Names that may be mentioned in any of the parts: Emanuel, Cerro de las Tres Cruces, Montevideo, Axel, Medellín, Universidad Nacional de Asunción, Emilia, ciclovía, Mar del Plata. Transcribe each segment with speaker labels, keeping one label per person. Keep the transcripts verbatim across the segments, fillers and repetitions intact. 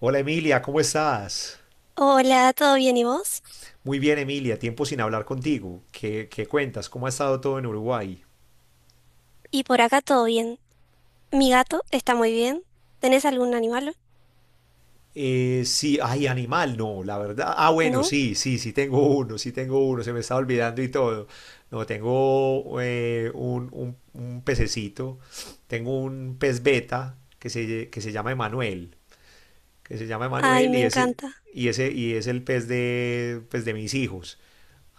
Speaker 1: Hola Emilia, ¿cómo estás?
Speaker 2: Hola, ¿todo bien y vos?
Speaker 1: Muy bien Emilia, tiempo sin hablar contigo. ¿Qué, qué cuentas? ¿Cómo ha estado todo en Uruguay?
Speaker 2: Y por acá todo bien. Mi gato está muy bien. ¿Tenés algún animal?
Speaker 1: Eh, sí, ay, animal, no, la verdad. Ah, bueno,
Speaker 2: ¿No?
Speaker 1: sí, sí, sí tengo uno, sí tengo uno, se me estaba olvidando y todo. No, tengo eh, un, un- un pececito, tengo un pez beta que se, que se llama Emanuel. que se llama
Speaker 2: Ay,
Speaker 1: Emanuel
Speaker 2: me
Speaker 1: y ese,
Speaker 2: encanta.
Speaker 1: y ese, y es el pez de, pues, de mis hijos.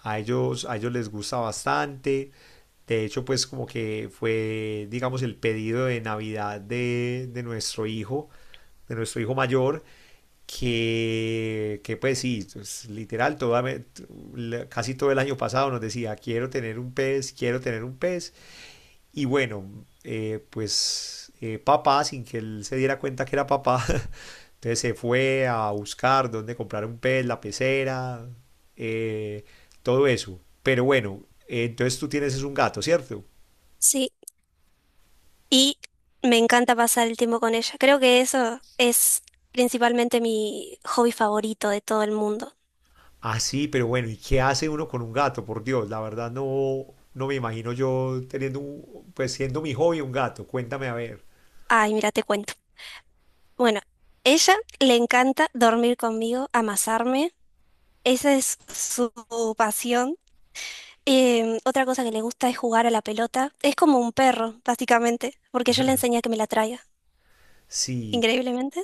Speaker 1: A ellos, a ellos les gusta bastante. De hecho, pues como que fue, digamos, el pedido de Navidad de, de nuestro hijo, de nuestro hijo mayor, que, que pues sí, pues, literal, toda, me- t- la- casi todo el año pasado nos decía, quiero tener un pez, quiero tener un pez. Y bueno, eh, pues eh, papá, sin que él se diera cuenta que era papá, Entonces se fue a buscar dónde comprar un pez, la pecera, eh, todo eso. Pero bueno, eh, entonces tú tienes es un gato, ¿cierto?
Speaker 2: Sí, y me encanta pasar el tiempo con ella. Creo que eso es principalmente mi hobby favorito de todo el mundo.
Speaker 1: Ah, sí, pero bueno, ¿y qué hace uno con un gato? Por Dios, la verdad no, no me imagino yo teniendo, un- pues siendo mi hobby un gato. Cuéntame a ver.
Speaker 2: Ay, mira, te cuento. Bueno, ella le encanta dormir conmigo, amasarme. Esa es su pasión. Em, otra cosa que le gusta es jugar a la pelota. Es como un perro, básicamente, porque yo le enseñé a que me la traiga,
Speaker 1: Sí,
Speaker 2: increíblemente.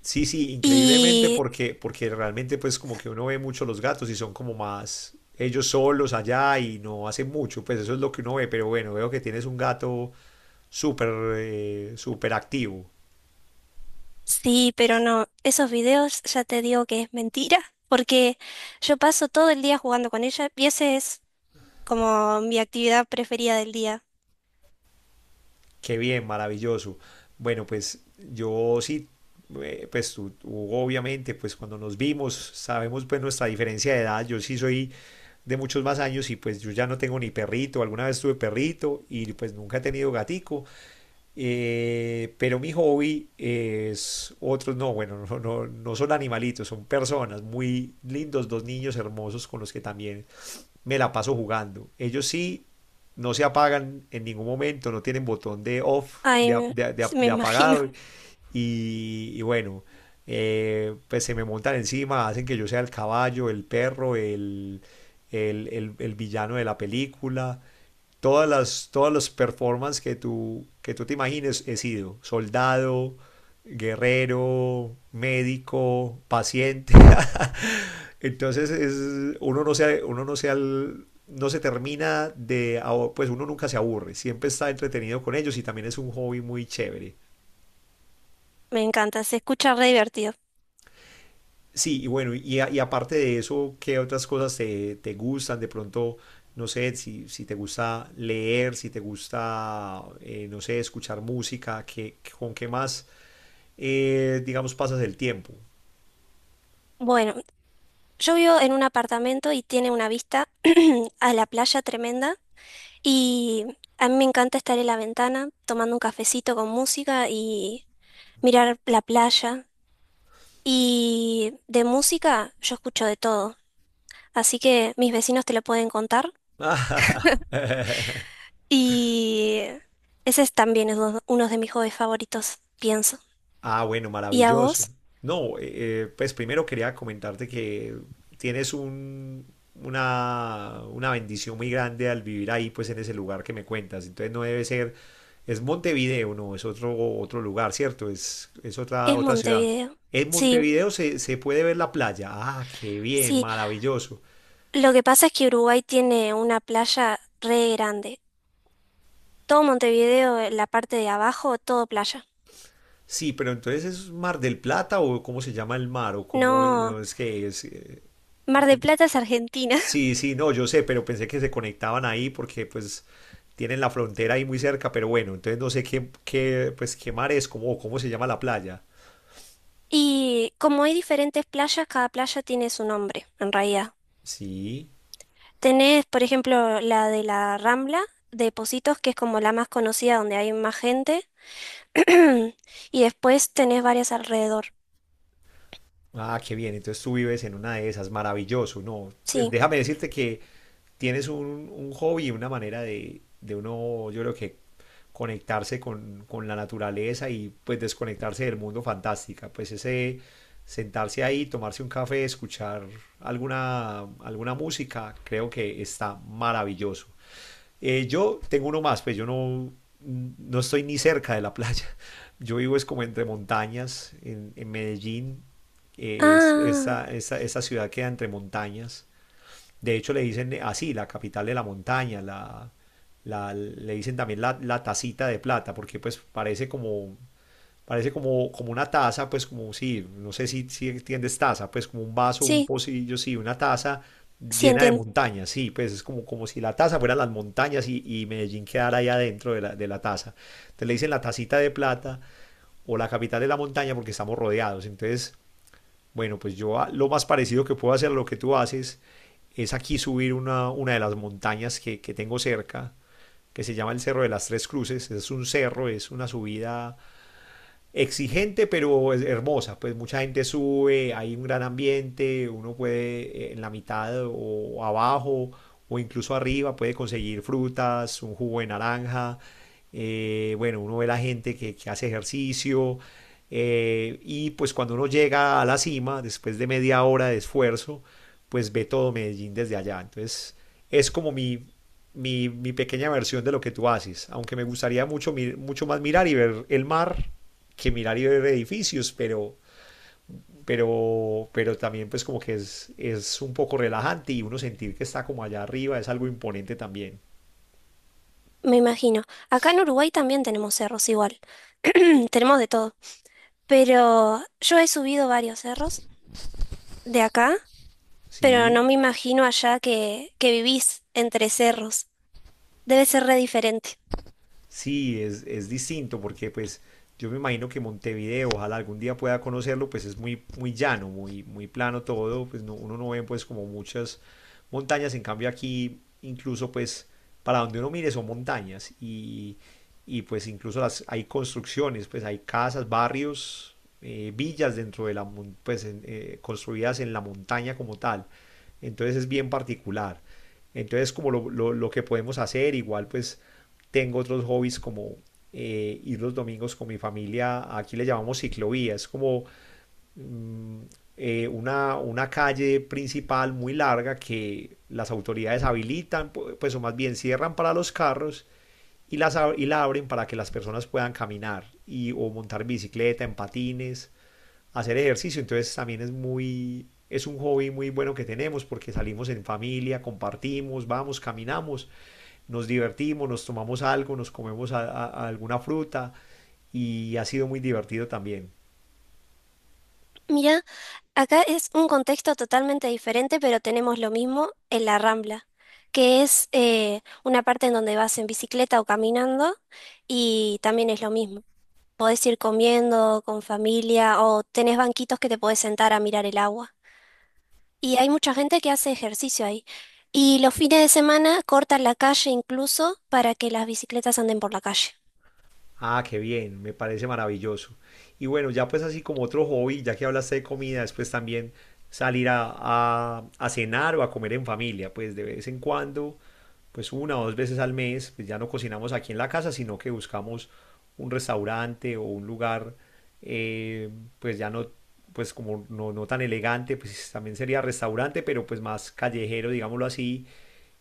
Speaker 1: sí, sí, increíblemente
Speaker 2: Y
Speaker 1: porque, porque realmente pues como que uno ve mucho los gatos y son como más ellos solos allá y no hacen mucho, pues eso es lo que uno ve, pero bueno, veo que tienes un gato súper eh, súper activo.
Speaker 2: sí, pero no, esos videos ya te digo que es mentira, porque yo paso todo el día jugando con ella y esa es como mi actividad preferida del día.
Speaker 1: Qué bien, maravilloso. Bueno, pues yo sí, eh, pues tú, tú, obviamente, pues cuando nos vimos, sabemos pues nuestra diferencia de edad. Yo sí soy de muchos más años y pues yo ya no tengo ni perrito. Alguna vez tuve perrito y pues nunca he tenido gatico. Eh, pero mi hobby es otros, no, bueno, no, no, no son animalitos, son personas muy lindos, dos niños hermosos con los que también me la paso jugando. Ellos sí no se apagan en ningún momento, no tienen botón de off,
Speaker 2: Ay,
Speaker 1: de, ap-
Speaker 2: me,
Speaker 1: de- de
Speaker 2: sí,
Speaker 1: ap-
Speaker 2: me
Speaker 1: de
Speaker 2: imagino.
Speaker 1: apagado. Y, y bueno, eh, pues se me montan encima, hacen que yo sea el caballo, el perro, el, el, el- el villano de la película. Todas las, todas las performances que tú, que tú te imagines he sido. Soldado, guerrero, médico, paciente. Entonces es, uno no se, uno no se, al- no se termina de, ahor- pues uno nunca se aburre, siempre está entretenido con ellos y también es un hobby muy chévere.
Speaker 2: Me encanta, se escucha re divertido.
Speaker 1: Sí, y bueno, y, a- y aparte de eso, ¿qué otras cosas te, te gustan? De pronto, no sé, si, si te gusta leer, si te gusta, eh, no sé, escuchar música, ¿qué, ¿con qué más, eh, digamos, pasas el tiempo?
Speaker 2: Bueno, yo vivo en un apartamento y tiene una vista a la playa tremenda y a mí me encanta estar en la ventana tomando un cafecito con música y mirar la playa. Y de música yo escucho de todo, así que mis vecinos te lo pueden contar. Y ese es también es uno uno de mis hobbies favoritos, pienso.
Speaker 1: Ah, bueno,
Speaker 2: ¿Y a
Speaker 1: maravilloso.
Speaker 2: vos?
Speaker 1: No, eh, eh, pues primero quería comentarte que tienes un, una, una bendición muy grande al vivir ahí, pues en ese lugar que me cuentas. Entonces no debe ser. Es Montevideo, no, es otro, otro lugar, ¿cierto? Es, es otra,
Speaker 2: Es
Speaker 1: otra ciudad.
Speaker 2: Montevideo.
Speaker 1: En
Speaker 2: Sí,
Speaker 1: Montevideo se, se puede ver la playa. Ah, qué bien,
Speaker 2: sí.
Speaker 1: maravilloso.
Speaker 2: Lo que pasa es que Uruguay tiene una playa re grande. Todo Montevideo, eh, la parte de abajo, todo playa.
Speaker 1: Sí, pero entonces es Mar del Plata o cómo se llama el mar o cómo
Speaker 2: No,
Speaker 1: no es que es... eh, eh,
Speaker 2: Mar del
Speaker 1: cómo-
Speaker 2: Plata es Argentina.
Speaker 1: Sí, sí, no, yo sé, pero pensé que se conectaban ahí porque pues tienen la frontera ahí muy cerca, pero bueno, entonces no sé qué, qué, pues qué mar es, cómo, cómo se llama la playa.
Speaker 2: Y como hay diferentes playas, cada playa tiene su nombre, en realidad.
Speaker 1: Sí.
Speaker 2: Tenés, por ejemplo, la de la Rambla, de Positos, que es como la más conocida, donde hay más gente. Y después tenés varias alrededor.
Speaker 1: Ah, qué bien. Entonces tú vives en una de esas. Maravilloso. No, pues
Speaker 2: Sí.
Speaker 1: déjame decirte que tienes un, un hobby, una manera de, de uno, yo creo que conectarse con, con la naturaleza y pues desconectarse del mundo fantástica. Pues ese sentarse ahí, tomarse un café, escuchar alguna, alguna música, creo que está maravilloso. Eh, yo tengo uno más, pues yo no, no estoy ni cerca de la playa. Yo vivo es como entre montañas, en, en Medellín. Eh, es-
Speaker 2: Ah,
Speaker 1: esa, esa, esa ciudad queda entre montañas. De hecho, le dicen eh, así, la capital de la montaña, la, la- le dicen también la, la tacita de plata, porque pues parece como, parece como, como una taza, pues como sí, no sé si, si entiendes taza, pues como un vaso, un
Speaker 2: sí,
Speaker 1: pocillo, sí, una taza
Speaker 2: sí
Speaker 1: llena de
Speaker 2: entiendo,
Speaker 1: montañas, sí, pues es como, como si la taza fuera las montañas y, y Medellín quedara ahí adentro de la, de la taza. Entonces le dicen la tacita de plata o la capital de la montaña porque estamos rodeados. Entonces bueno, pues yo a- lo más parecido que puedo hacer a lo que tú haces es aquí subir una, una de las montañas que, que tengo cerca, que se llama el Cerro de las Tres Cruces. Es un cerro, es una subida exigente pero es hermosa, pues mucha gente sube, hay un gran ambiente, uno puede eh, en la mitad o abajo o incluso arriba puede conseguir frutas, un jugo de naranja, eh, bueno, uno ve la gente que, que hace ejercicio, eh, y pues cuando uno llega a la cima, después de media hora de esfuerzo, pues ve todo Medellín desde allá, entonces es como mi, mi, mi pequeña versión de lo que tú haces, aunque me gustaría mucho, mi- mucho más mirar y ver el mar que mirar y ver edificios, pero, pero, pero también pues como que es, es un poco relajante y uno sentir que está como allá arriba es algo imponente también.
Speaker 2: me imagino. Acá en Uruguay también tenemos cerros igual. Tenemos de todo. Pero yo he subido varios cerros de acá, pero no
Speaker 1: Sí,
Speaker 2: me imagino allá que, que vivís entre cerros. Debe ser re diferente.
Speaker 1: sí, es, es distinto porque pues yo me imagino que Montevideo, ojalá algún día pueda conocerlo, pues es muy, muy llano, muy, muy plano todo, pues no- uno no ve pues como muchas montañas, en cambio aquí incluso pues para donde uno mire son montañas y, y, pues incluso las, hay construcciones, pues hay casas, barrios, eh, villas dentro de la, mon- pues en- eh, construidas en la montaña como tal, entonces es bien particular. Entonces, como lo, lo- lo que podemos hacer, igual pues tengo otros hobbies como eh, ir los domingos con mi familia, aquí le llamamos ciclovía, es como mm, eh, una, una calle principal muy larga que las autoridades habilitan, pu- pues o más bien cierran para los carros y, las, ab- y la abren para que las personas puedan caminar y, o montar bicicleta, en patines, hacer ejercicio. Entonces también es muy, es un hobby muy bueno que tenemos porque salimos en familia, compartimos, vamos, caminamos, nos divertimos, nos tomamos algo, nos comemos a, a, a alguna fruta y ha sido muy divertido también.
Speaker 2: Mirá. Acá es un contexto totalmente diferente, pero tenemos lo mismo en la Rambla, que es eh, una parte en donde vas en bicicleta o caminando y también es lo mismo. Podés ir comiendo con familia o tenés banquitos que te podés sentar a mirar el agua. Y hay mucha gente que hace ejercicio ahí. Y los fines de semana cortan la calle incluso para que las bicicletas anden por la calle.
Speaker 1: Ah, qué bien, me parece maravilloso. Y bueno, ya pues así como otro hobby, ya que hablaste de comida, después también salir a, a- a cenar o a comer en familia, pues de vez en cuando, pues una o dos veces al mes, pues ya no cocinamos aquí en la casa, sino que buscamos un restaurante o un lugar, eh, pues ya no, pues como no, no tan elegante, pues también sería restaurante, pero pues más callejero, digámoslo así,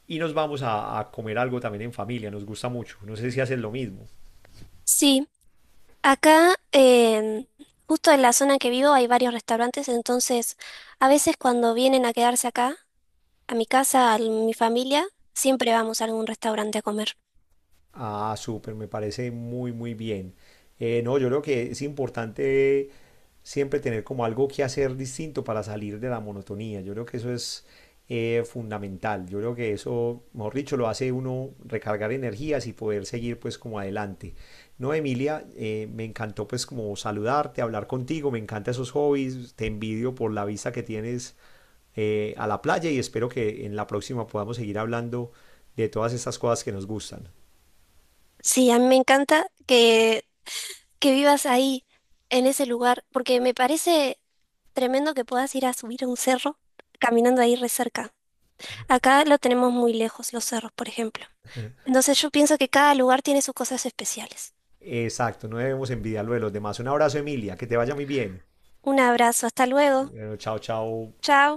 Speaker 1: y nos vamos a a comer algo también en familia, nos gusta mucho, no sé si haces lo mismo.
Speaker 2: Sí. Acá, em, justo en la zona en que vivo, hay varios restaurantes, entonces a veces cuando vienen a quedarse acá, a mi casa, a mi familia, siempre vamos a algún restaurante a comer.
Speaker 1: Ah, súper, me parece muy, muy bien. Eh, no, yo creo que es importante siempre tener como algo que hacer distinto para salir de la monotonía. Yo creo que eso es eh, fundamental. Yo creo que eso, mejor dicho, lo hace uno recargar energías y poder seguir pues como adelante. No, Emilia, eh, me encantó pues como saludarte, hablar contigo, me encantan esos hobbies, te envidio por la vista que tienes eh, a la playa y espero que en la próxima podamos seguir hablando de todas estas cosas que nos gustan.
Speaker 2: Sí, a mí me encanta que, que vivas ahí, en ese lugar, porque me parece tremendo que puedas ir a subir a un cerro caminando ahí re cerca. Acá lo tenemos muy lejos, los cerros, por ejemplo. Entonces yo pienso que cada lugar tiene sus cosas especiales.
Speaker 1: Exacto, no debemos envidiar lo de los demás. Un abrazo, Emilia, que te vaya muy bien.
Speaker 2: Un abrazo, hasta luego.
Speaker 1: Bueno, chao, chao.
Speaker 2: Chao.